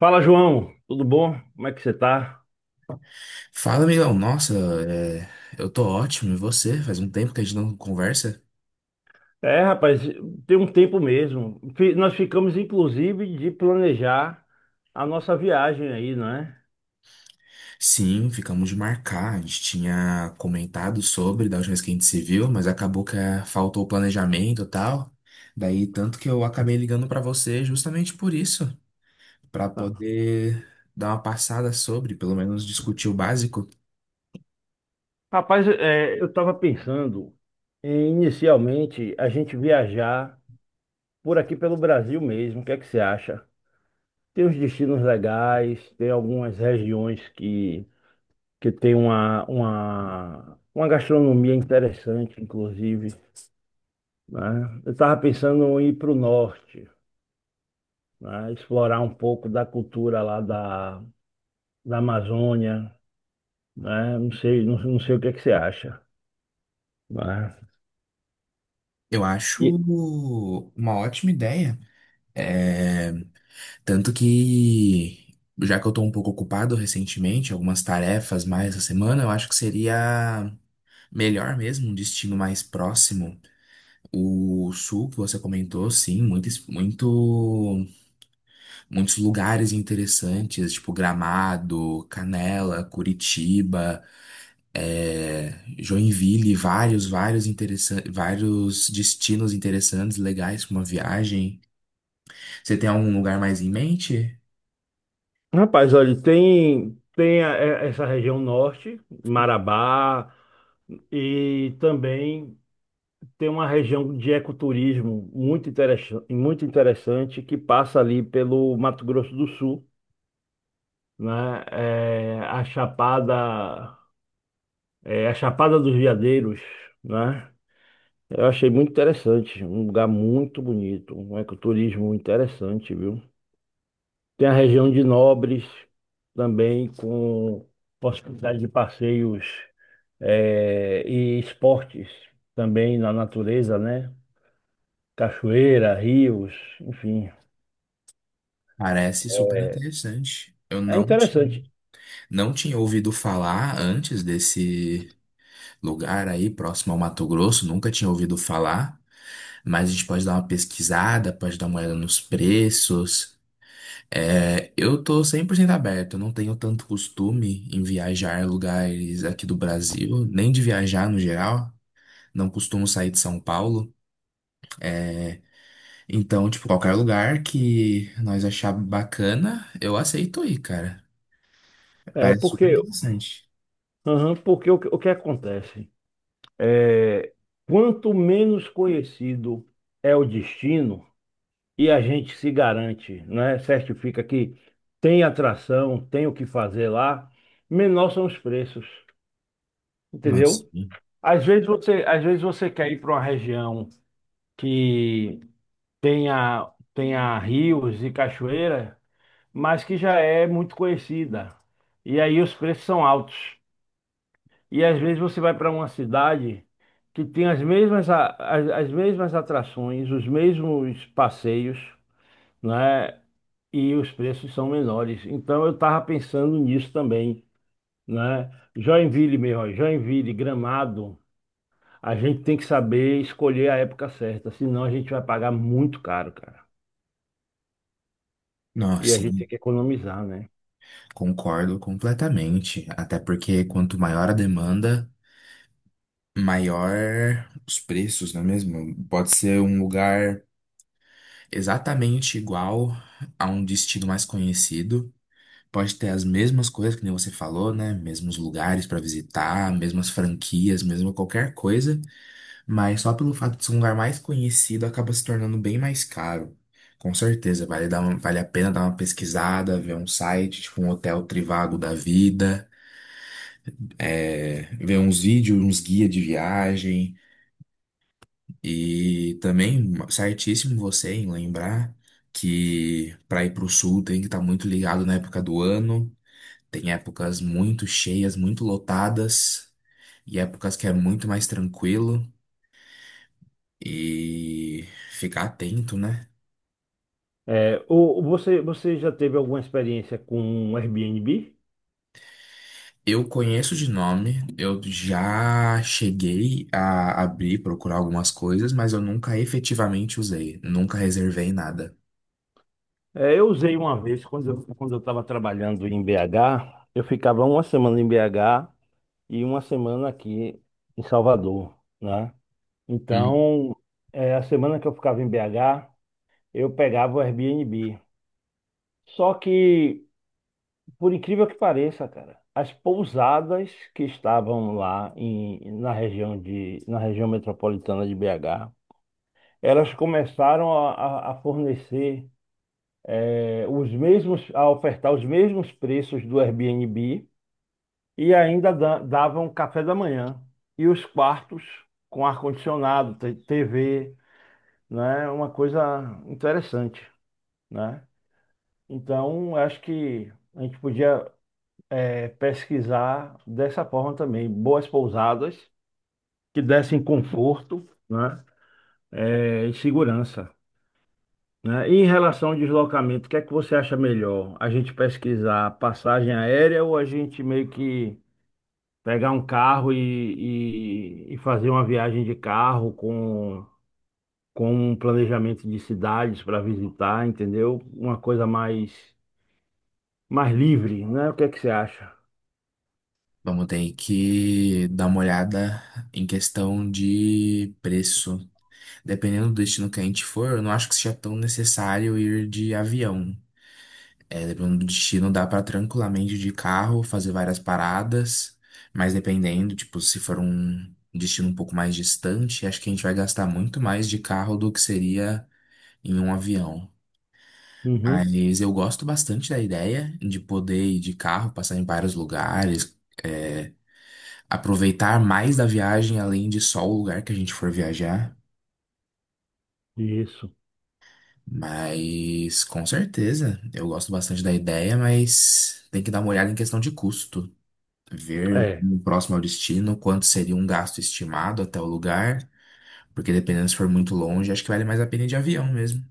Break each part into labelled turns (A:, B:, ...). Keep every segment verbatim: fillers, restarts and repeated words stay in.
A: Fala, João, tudo bom? Como é que você tá?
B: Fala, amigão. Nossa, é, eu tô ótimo. E você? Faz um tempo que a gente não conversa?
A: É, rapaz, tem um tempo mesmo. Fi- Nós ficamos, inclusive, de planejar a nossa viagem aí, não é?
B: Sim, ficamos de marcar. A gente tinha comentado sobre da última vez que a gente se viu, mas acabou que é, faltou o planejamento e tal. Daí, tanto que eu acabei ligando pra você justamente por isso, pra poder dar uma passada sobre, pelo menos discutir o básico.
A: Rapaz, é, eu estava pensando em, inicialmente, a gente viajar por aqui pelo Brasil mesmo. O que é que você acha? Tem uns destinos legais, tem algumas regiões que, que tem uma, uma, uma gastronomia interessante, inclusive, né? Eu estava pensando em ir para o norte. Né? Explorar um pouco da cultura lá da, da Amazônia, né? Não sei, não, não sei o que é que você acha, né?
B: Eu acho
A: E,
B: uma ótima ideia. É, Tanto que, já que eu tô um pouco ocupado recentemente, algumas tarefas mais essa semana, eu acho que seria melhor mesmo, um destino mais próximo. O sul que você comentou, sim, muitos, muito, muitos lugares interessantes, tipo Gramado, Canela, Curitiba, é, Joinville, vários, vários interessantes, vários destinos interessantes, legais para uma viagem. Você tem algum lugar mais em mente?
A: rapaz, olha, tem tem a- é- essa região norte, Marabá, e também tem uma região de ecoturismo muito interessante, muito interessante que passa ali pelo Mato Grosso do Sul, né? É, a Chapada, é, a Chapada dos Veadeiros, né? Eu achei muito interessante, um lugar muito bonito, um ecoturismo interessante, viu? Tem a região de Nobres também, com possibilidade de passeios eh, e esportes também na natureza, né? Cachoeira, rios, enfim.
B: Parece super interessante. Eu
A: É
B: não tinha,
A: interessante,
B: não tinha ouvido falar antes desse lugar aí, próximo ao Mato Grosso, nunca tinha ouvido falar, mas a gente pode dar uma pesquisada, pode dar uma olhada nos preços. É, eu tô cem por cento aberto, eu não tenho tanto costume em viajar a lugares aqui do Brasil, nem de viajar no geral, não costumo sair de São Paulo. Então, tipo, qualquer lugar que nós achar bacana, eu aceito ir, cara.
A: é,
B: Parece super
A: porque,
B: interessante.
A: aham, porque o, que o que acontece? É, quanto menos conhecido é o destino, e a gente se garante, né? Certifica que tem atração, tem o que fazer lá, menor são os preços,
B: Não,
A: entendeu?
B: sim.
A: Às vezes você, às vezes você quer ir para uma região que tenha, tenha rios e cachoeira, mas que já é muito conhecida. E aí os preços são altos. E às vezes você vai para uma cidade que tem as mesmas, a- as, as mesmas atrações, os mesmos passeios, né? E os preços são menores. Então eu estava pensando nisso também, né? Joinville, meu, ó, Joinville, Gramado, a gente tem que saber escolher a época certa, senão a gente vai pagar muito caro, cara.
B: Não,
A: E a gente
B: sim.
A: tem que economizar, né?
B: Concordo completamente. Até porque quanto maior a demanda, maior os preços, não é mesmo? Pode ser um lugar exatamente igual a um destino mais conhecido. Pode ter as mesmas coisas que nem você falou, né? Mesmos lugares para visitar, mesmas franquias, mesmo qualquer coisa. Mas só pelo fato de ser um lugar mais conhecido, acaba se tornando bem mais caro. Com certeza, vale dar uma- vale a pena dar uma pesquisada, ver um site, tipo um hotel Trivago da vida, é, ver uns vídeos, uns guia de viagem. E também, certíssimo você em lembrar que para ir para o sul tem que estar muito ligado na época do ano. Tem épocas muito cheias, muito lotadas, e épocas que é muito mais tranquilo. E ficar atento, né?
A: É, o, o- você, você já teve alguma experiência com um Airbnb?
B: Eu conheço de nome, eu já cheguei a abrir, procurar algumas coisas, mas eu nunca efetivamente usei, nunca reservei nada.
A: É, eu usei uma vez quando eu, quando eu estava trabalhando em B H, eu ficava uma semana em B H e uma semana aqui em Salvador, né?
B: Hum.
A: Então, é, a semana que eu ficava em B H, eu pegava o Airbnb. Só que, por incrível que pareça, cara, as pousadas que estavam lá em- na região de, na região metropolitana de B H, elas começaram a, a- a fornecer é, os mesmos, a ofertar os mesmos preços do Airbnb e ainda da- davam café da manhã e os quartos com ar-condicionado, te- T V, né? Uma coisa interessante. Né? Então, acho que a gente podia eh, pesquisar dessa forma também, boas pousadas que dessem conforto, né? eh, e segurança, né? E em relação ao deslocamento, o que é que você acha melhor? A gente pesquisar passagem aérea ou a gente meio que pegar um carro e, e, e fazer uma viagem de carro com, com um planejamento de cidades para visitar, entendeu? Uma coisa mais, mais livre, né? O que é que você acha?
B: Vamos ter que dar uma olhada em questão de preço. Dependendo do destino que a gente for, eu não acho que seja tão necessário ir de avião. É, dependendo do destino, dá pra tranquilamente de carro fazer várias paradas, mas dependendo, tipo, se for um destino um pouco mais distante, acho que a gente vai gastar muito mais de carro do que seria em um avião.
A: Uhum,
B: Mas eu gosto bastante da ideia de poder ir de carro, passar em vários lugares, é, aproveitar mais da viagem além de só o lugar que a gente for viajar.
A: isso.
B: Mas com certeza, eu gosto bastante da ideia, mas tem que dar uma olhada em questão de custo. Ver
A: É.
B: como próximo ao destino, quanto seria um gasto estimado até o lugar, porque dependendo se for muito longe, acho que vale mais a pena ir de avião mesmo.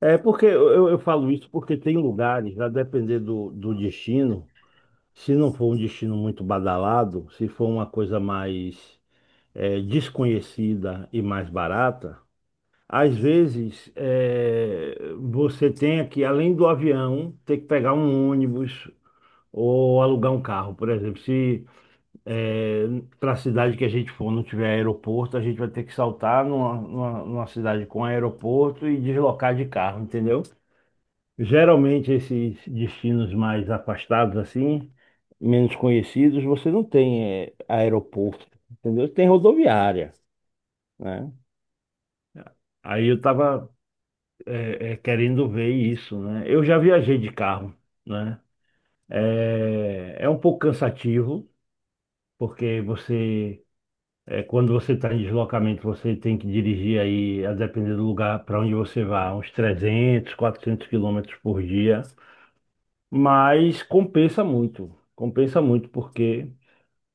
A: É porque eu, eu eu falo isso porque tem lugares, a depender do, do destino, se não for um destino muito badalado, se for uma coisa mais é, desconhecida e mais barata, às vezes é, você tem que, além do avião, ter que pegar um ônibus ou alugar um carro, por exemplo. Se para a cidade que a gente for, não tiver aeroporto, a gente vai ter que saltar numa, numa, numa cidade com aeroporto e deslocar de carro, entendeu? Geralmente esses destinos mais afastados assim, menos conhecidos, você não tem eh, aeroporto, entendeu? Tem rodoviária, né? Aí eu estava querendo ver isso, né? Eu já viajei de carro, né? É, é um pouco cansativo, porque você É, quando você está em deslocamento, você tem que dirigir aí, a depender do lugar para onde você vai, uns trezentos a quatrocentos quilômetros por dia. Mas compensa muito, compensa muito, porque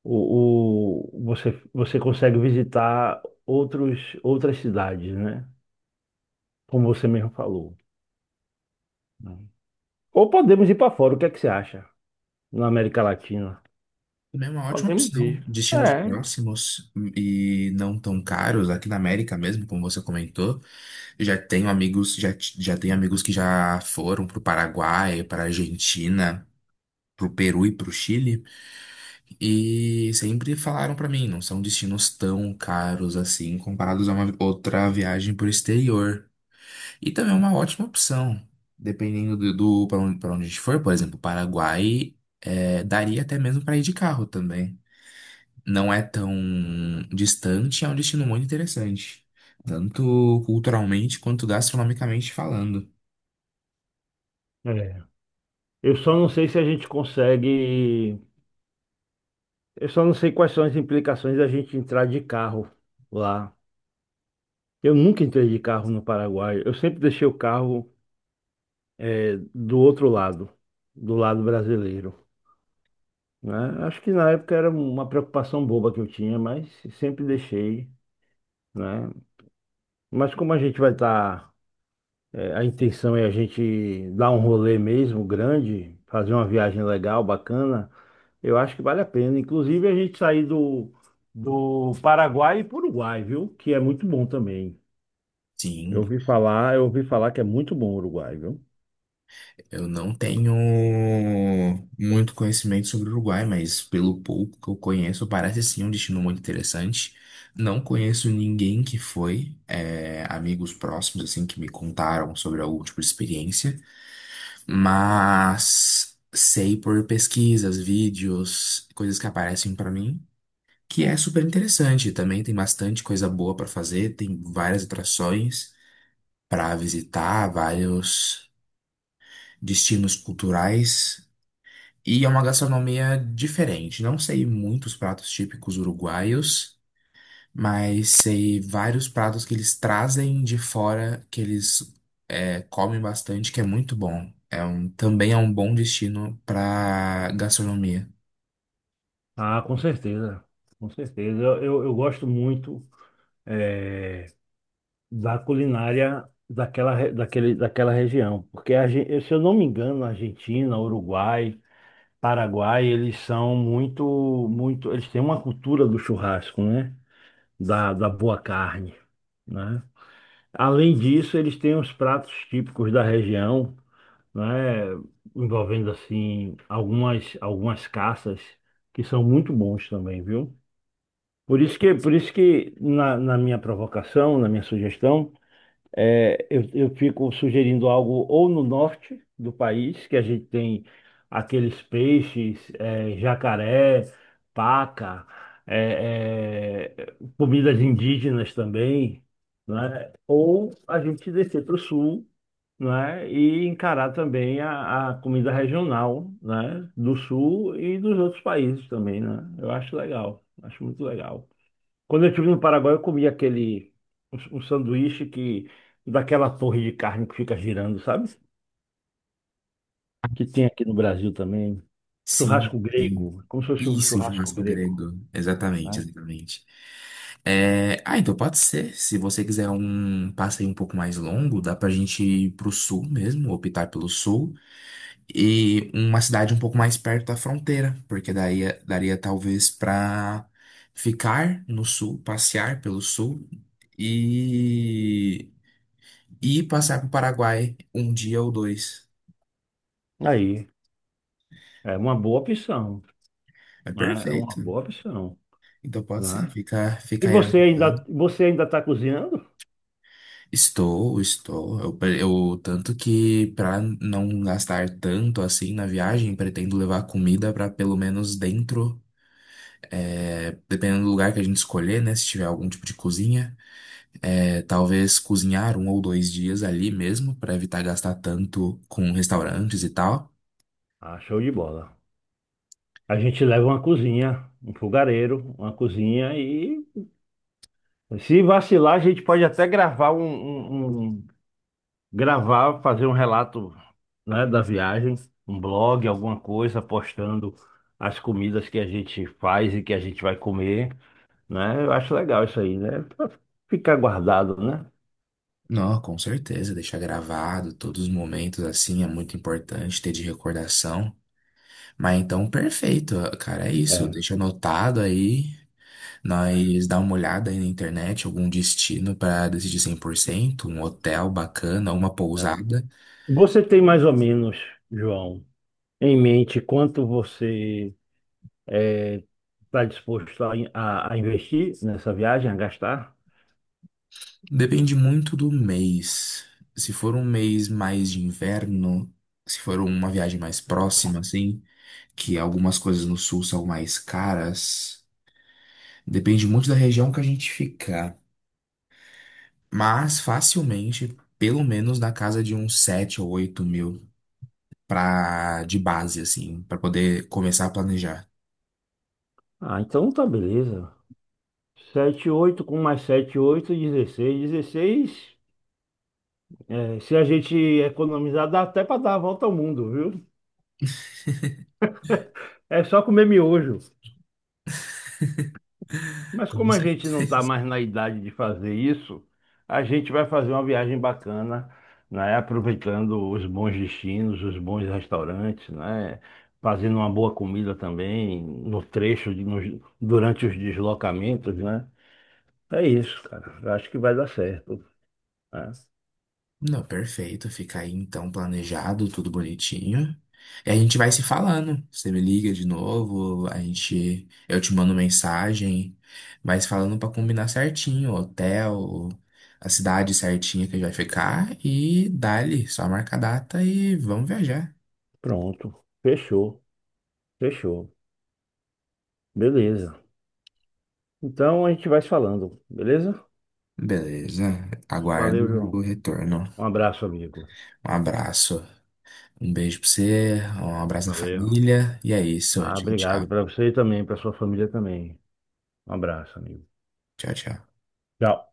A: o, o- você, você consegue visitar outros, outras cidades, né? Como você mesmo falou. Né? Ou podemos ir para fora, o que é que você acha? Na América Latina.
B: Também é uma ótima
A: Podemos
B: opção.
A: ir.
B: Destinos
A: É.
B: próximos e não tão caros, aqui na América mesmo, como você comentou. Eu já tenho amigos, já, t- já tenho amigos que já foram para o Paraguai, para a Argentina. Pro Peru e pro Chile, e sempre falaram para mim, não são destinos tão caros assim comparados a uma outra viagem por exterior. E também é uma ótima opção, dependendo do, do para onde, para onde a gente for, por exemplo, Paraguai, é, daria até mesmo para ir de carro também. Não é tão distante, é um destino muito interessante, tanto culturalmente quanto gastronomicamente falando.
A: É. Eu só não sei se a gente consegue. Eu só não sei quais são as implicações da gente entrar de carro lá. Eu nunca entrei de carro no Paraguai. Eu sempre deixei o carro eh, do outro lado, do lado brasileiro, né? Acho que na época era uma preocupação boba que eu tinha, mas sempre deixei, né? Mas como a gente vai estar, a intenção é a gente dar um rolê mesmo grande, fazer uma viagem legal, bacana, eu acho que vale a pena. Inclusive a gente sair do do Paraguai e para o Uruguai, viu? Que é muito bom também.
B: Sim.
A: Eu ouvi falar, eu ouvi falar que é muito bom o Uruguai, viu?
B: Eu não tenho muito conhecimento sobre o Uruguai, mas pelo pouco que eu conheço, parece sim um destino muito interessante. Não conheço ninguém que foi, é, amigos próximos, assim, que me contaram sobre algum tipo de experiência, mas sei por pesquisas, vídeos, coisas que aparecem pra mim, que é super interessante. Também tem bastante coisa boa pra fazer, tem várias atrações pra visitar, vários destinos culturais. E é uma gastronomia diferente. Não sei muitos pratos típicos uruguaios, mas sei vários pratos que eles trazem de fora, que eles é, comem bastante, que é muito bom. É um, também é um bom destino para gastronomia.
A: Ah, com certeza, com certeza. Eu, eu, eu gosto muito da culinária daquela, re- daquele, daquela região, porque a, gen- se eu não me engano, Argentina, Uruguai, Paraguai, eles são muito, muito, eles têm uma cultura do churrasco, né? Da, da boa carne, né? Além disso, eles têm os pratos típicos da região, né, envolvendo assim algumas algumas caças que são muito bons também, viu? Por isso que por isso que na, na minha provocação, na minha sugestão, é, eu, eu fico sugerindo algo ou no norte do país, que a gente tem aqueles peixes, é, jacaré, paca, é, é, comidas indígenas também, né? Ou a gente descer para o sul, né? E encarar também a, a comida regional, né? Do sul e dos outros países também, né? Eu acho legal, acho muito legal. Quando eu estive no Paraguai, eu comi aquele um, um sanduíche, que daquela torre de carne que fica girando, sabe? Que tem aqui no Brasil também.
B: Sim,
A: Churrasco
B: sim.
A: grego, como se fosse um
B: Isso,
A: churrasco
B: churrasco
A: grego,
B: grego. Exatamente,
A: né?
B: exatamente. É, Ah, então pode ser. Se você quiser um passeio um pouco mais longo, dá pra gente ir pro sul mesmo, optar pelo sul. E uma cidade um pouco mais perto da fronteira, porque daí daria talvez para ficar no sul, passear pelo sul e e passar para o Paraguai um dia ou dois.
A: Aí, é uma boa opção,
B: É
A: né? É uma
B: perfeito.
A: boa opção,
B: Então pode ser,
A: né?
B: fica,
A: E
B: fica aí.
A: você ainda, você ainda está cozinhando?
B: Estou, estou. Eu, pre- eu- tanto que para não gastar tanto assim na viagem, pretendo levar comida para pelo menos dentro, é, dependendo do lugar que a gente escolher, né? Se tiver algum tipo de cozinha. É, talvez cozinhar um ou dois dias ali mesmo, para evitar gastar tanto com restaurantes e tal.
A: Ah, show de bola. A gente leva uma cozinha, um fogareiro, uma cozinha e se vacilar, a gente pode até gravar um, um- um- gravar, fazer um relato, né, da viagem, um blog, alguma coisa, postando as comidas que a gente faz e que a gente vai comer, né? Eu acho legal isso aí, né? Pra ficar guardado, né?
B: Não, com certeza, deixar gravado todos os momentos assim é muito importante ter de recordação. Mas então, perfeito, cara, é isso.
A: É.
B: Deixa anotado aí.
A: É.
B: Nós dá uma olhada aí na internet, algum destino para decidir cem por cento um hotel bacana, uma
A: é.
B: pousada.
A: Você tem mais ou menos, João, em mente quanto você está disposto a, a- a investir nessa viagem, a gastar?
B: Depende muito do mês. Se for um mês mais de inverno, se for uma viagem mais próxima, assim, que algumas coisas no sul são mais caras, depende muito da região que a gente ficar. Mas facilmente, pelo menos na casa de uns sete ou oito mil pra, de base, assim, para poder começar a planejar.
A: Ah, então tá beleza. sete ou oito mil com mais sete ou oito mil, dezesseis mil, dezesseis mil. É, se a gente economizar, dá até para dar a volta ao mundo, viu? É só comer miojo. Mas
B: Como
A: como a
B: você.
A: gente não tá mais na idade de fazer isso, a gente vai fazer uma viagem bacana, né? Aproveitando os bons destinos, os bons restaurantes, né? Fazendo uma boa comida também no trecho, de- nos- durante os deslocamentos, né? É isso, cara. Eu acho que vai dar certo. Né?
B: Não, perfeito. Fica aí então planejado, tudo bonitinho. E a gente vai se falando. Você me liga de novo, a gente, eu te mando mensagem, mas falando pra combinar certinho, o hotel, a cidade certinha que a gente vai ficar e dali, só marca a data e vamos viajar.
A: Pronto. Fechou. Fechou. Beleza. Então a gente vai se falando, beleza?
B: Beleza. Aguardo
A: Valeu, João.
B: o retorno.
A: Um abraço, amigo.
B: Um abraço. Um beijo pra você, um abraço à
A: Valeu.
B: família. E é isso.
A: Ah,
B: Tchau,
A: obrigado
B: tchau.
A: para você e também, para sua família também. Um abraço, amigo.
B: Tchau, tchau.
A: Tchau.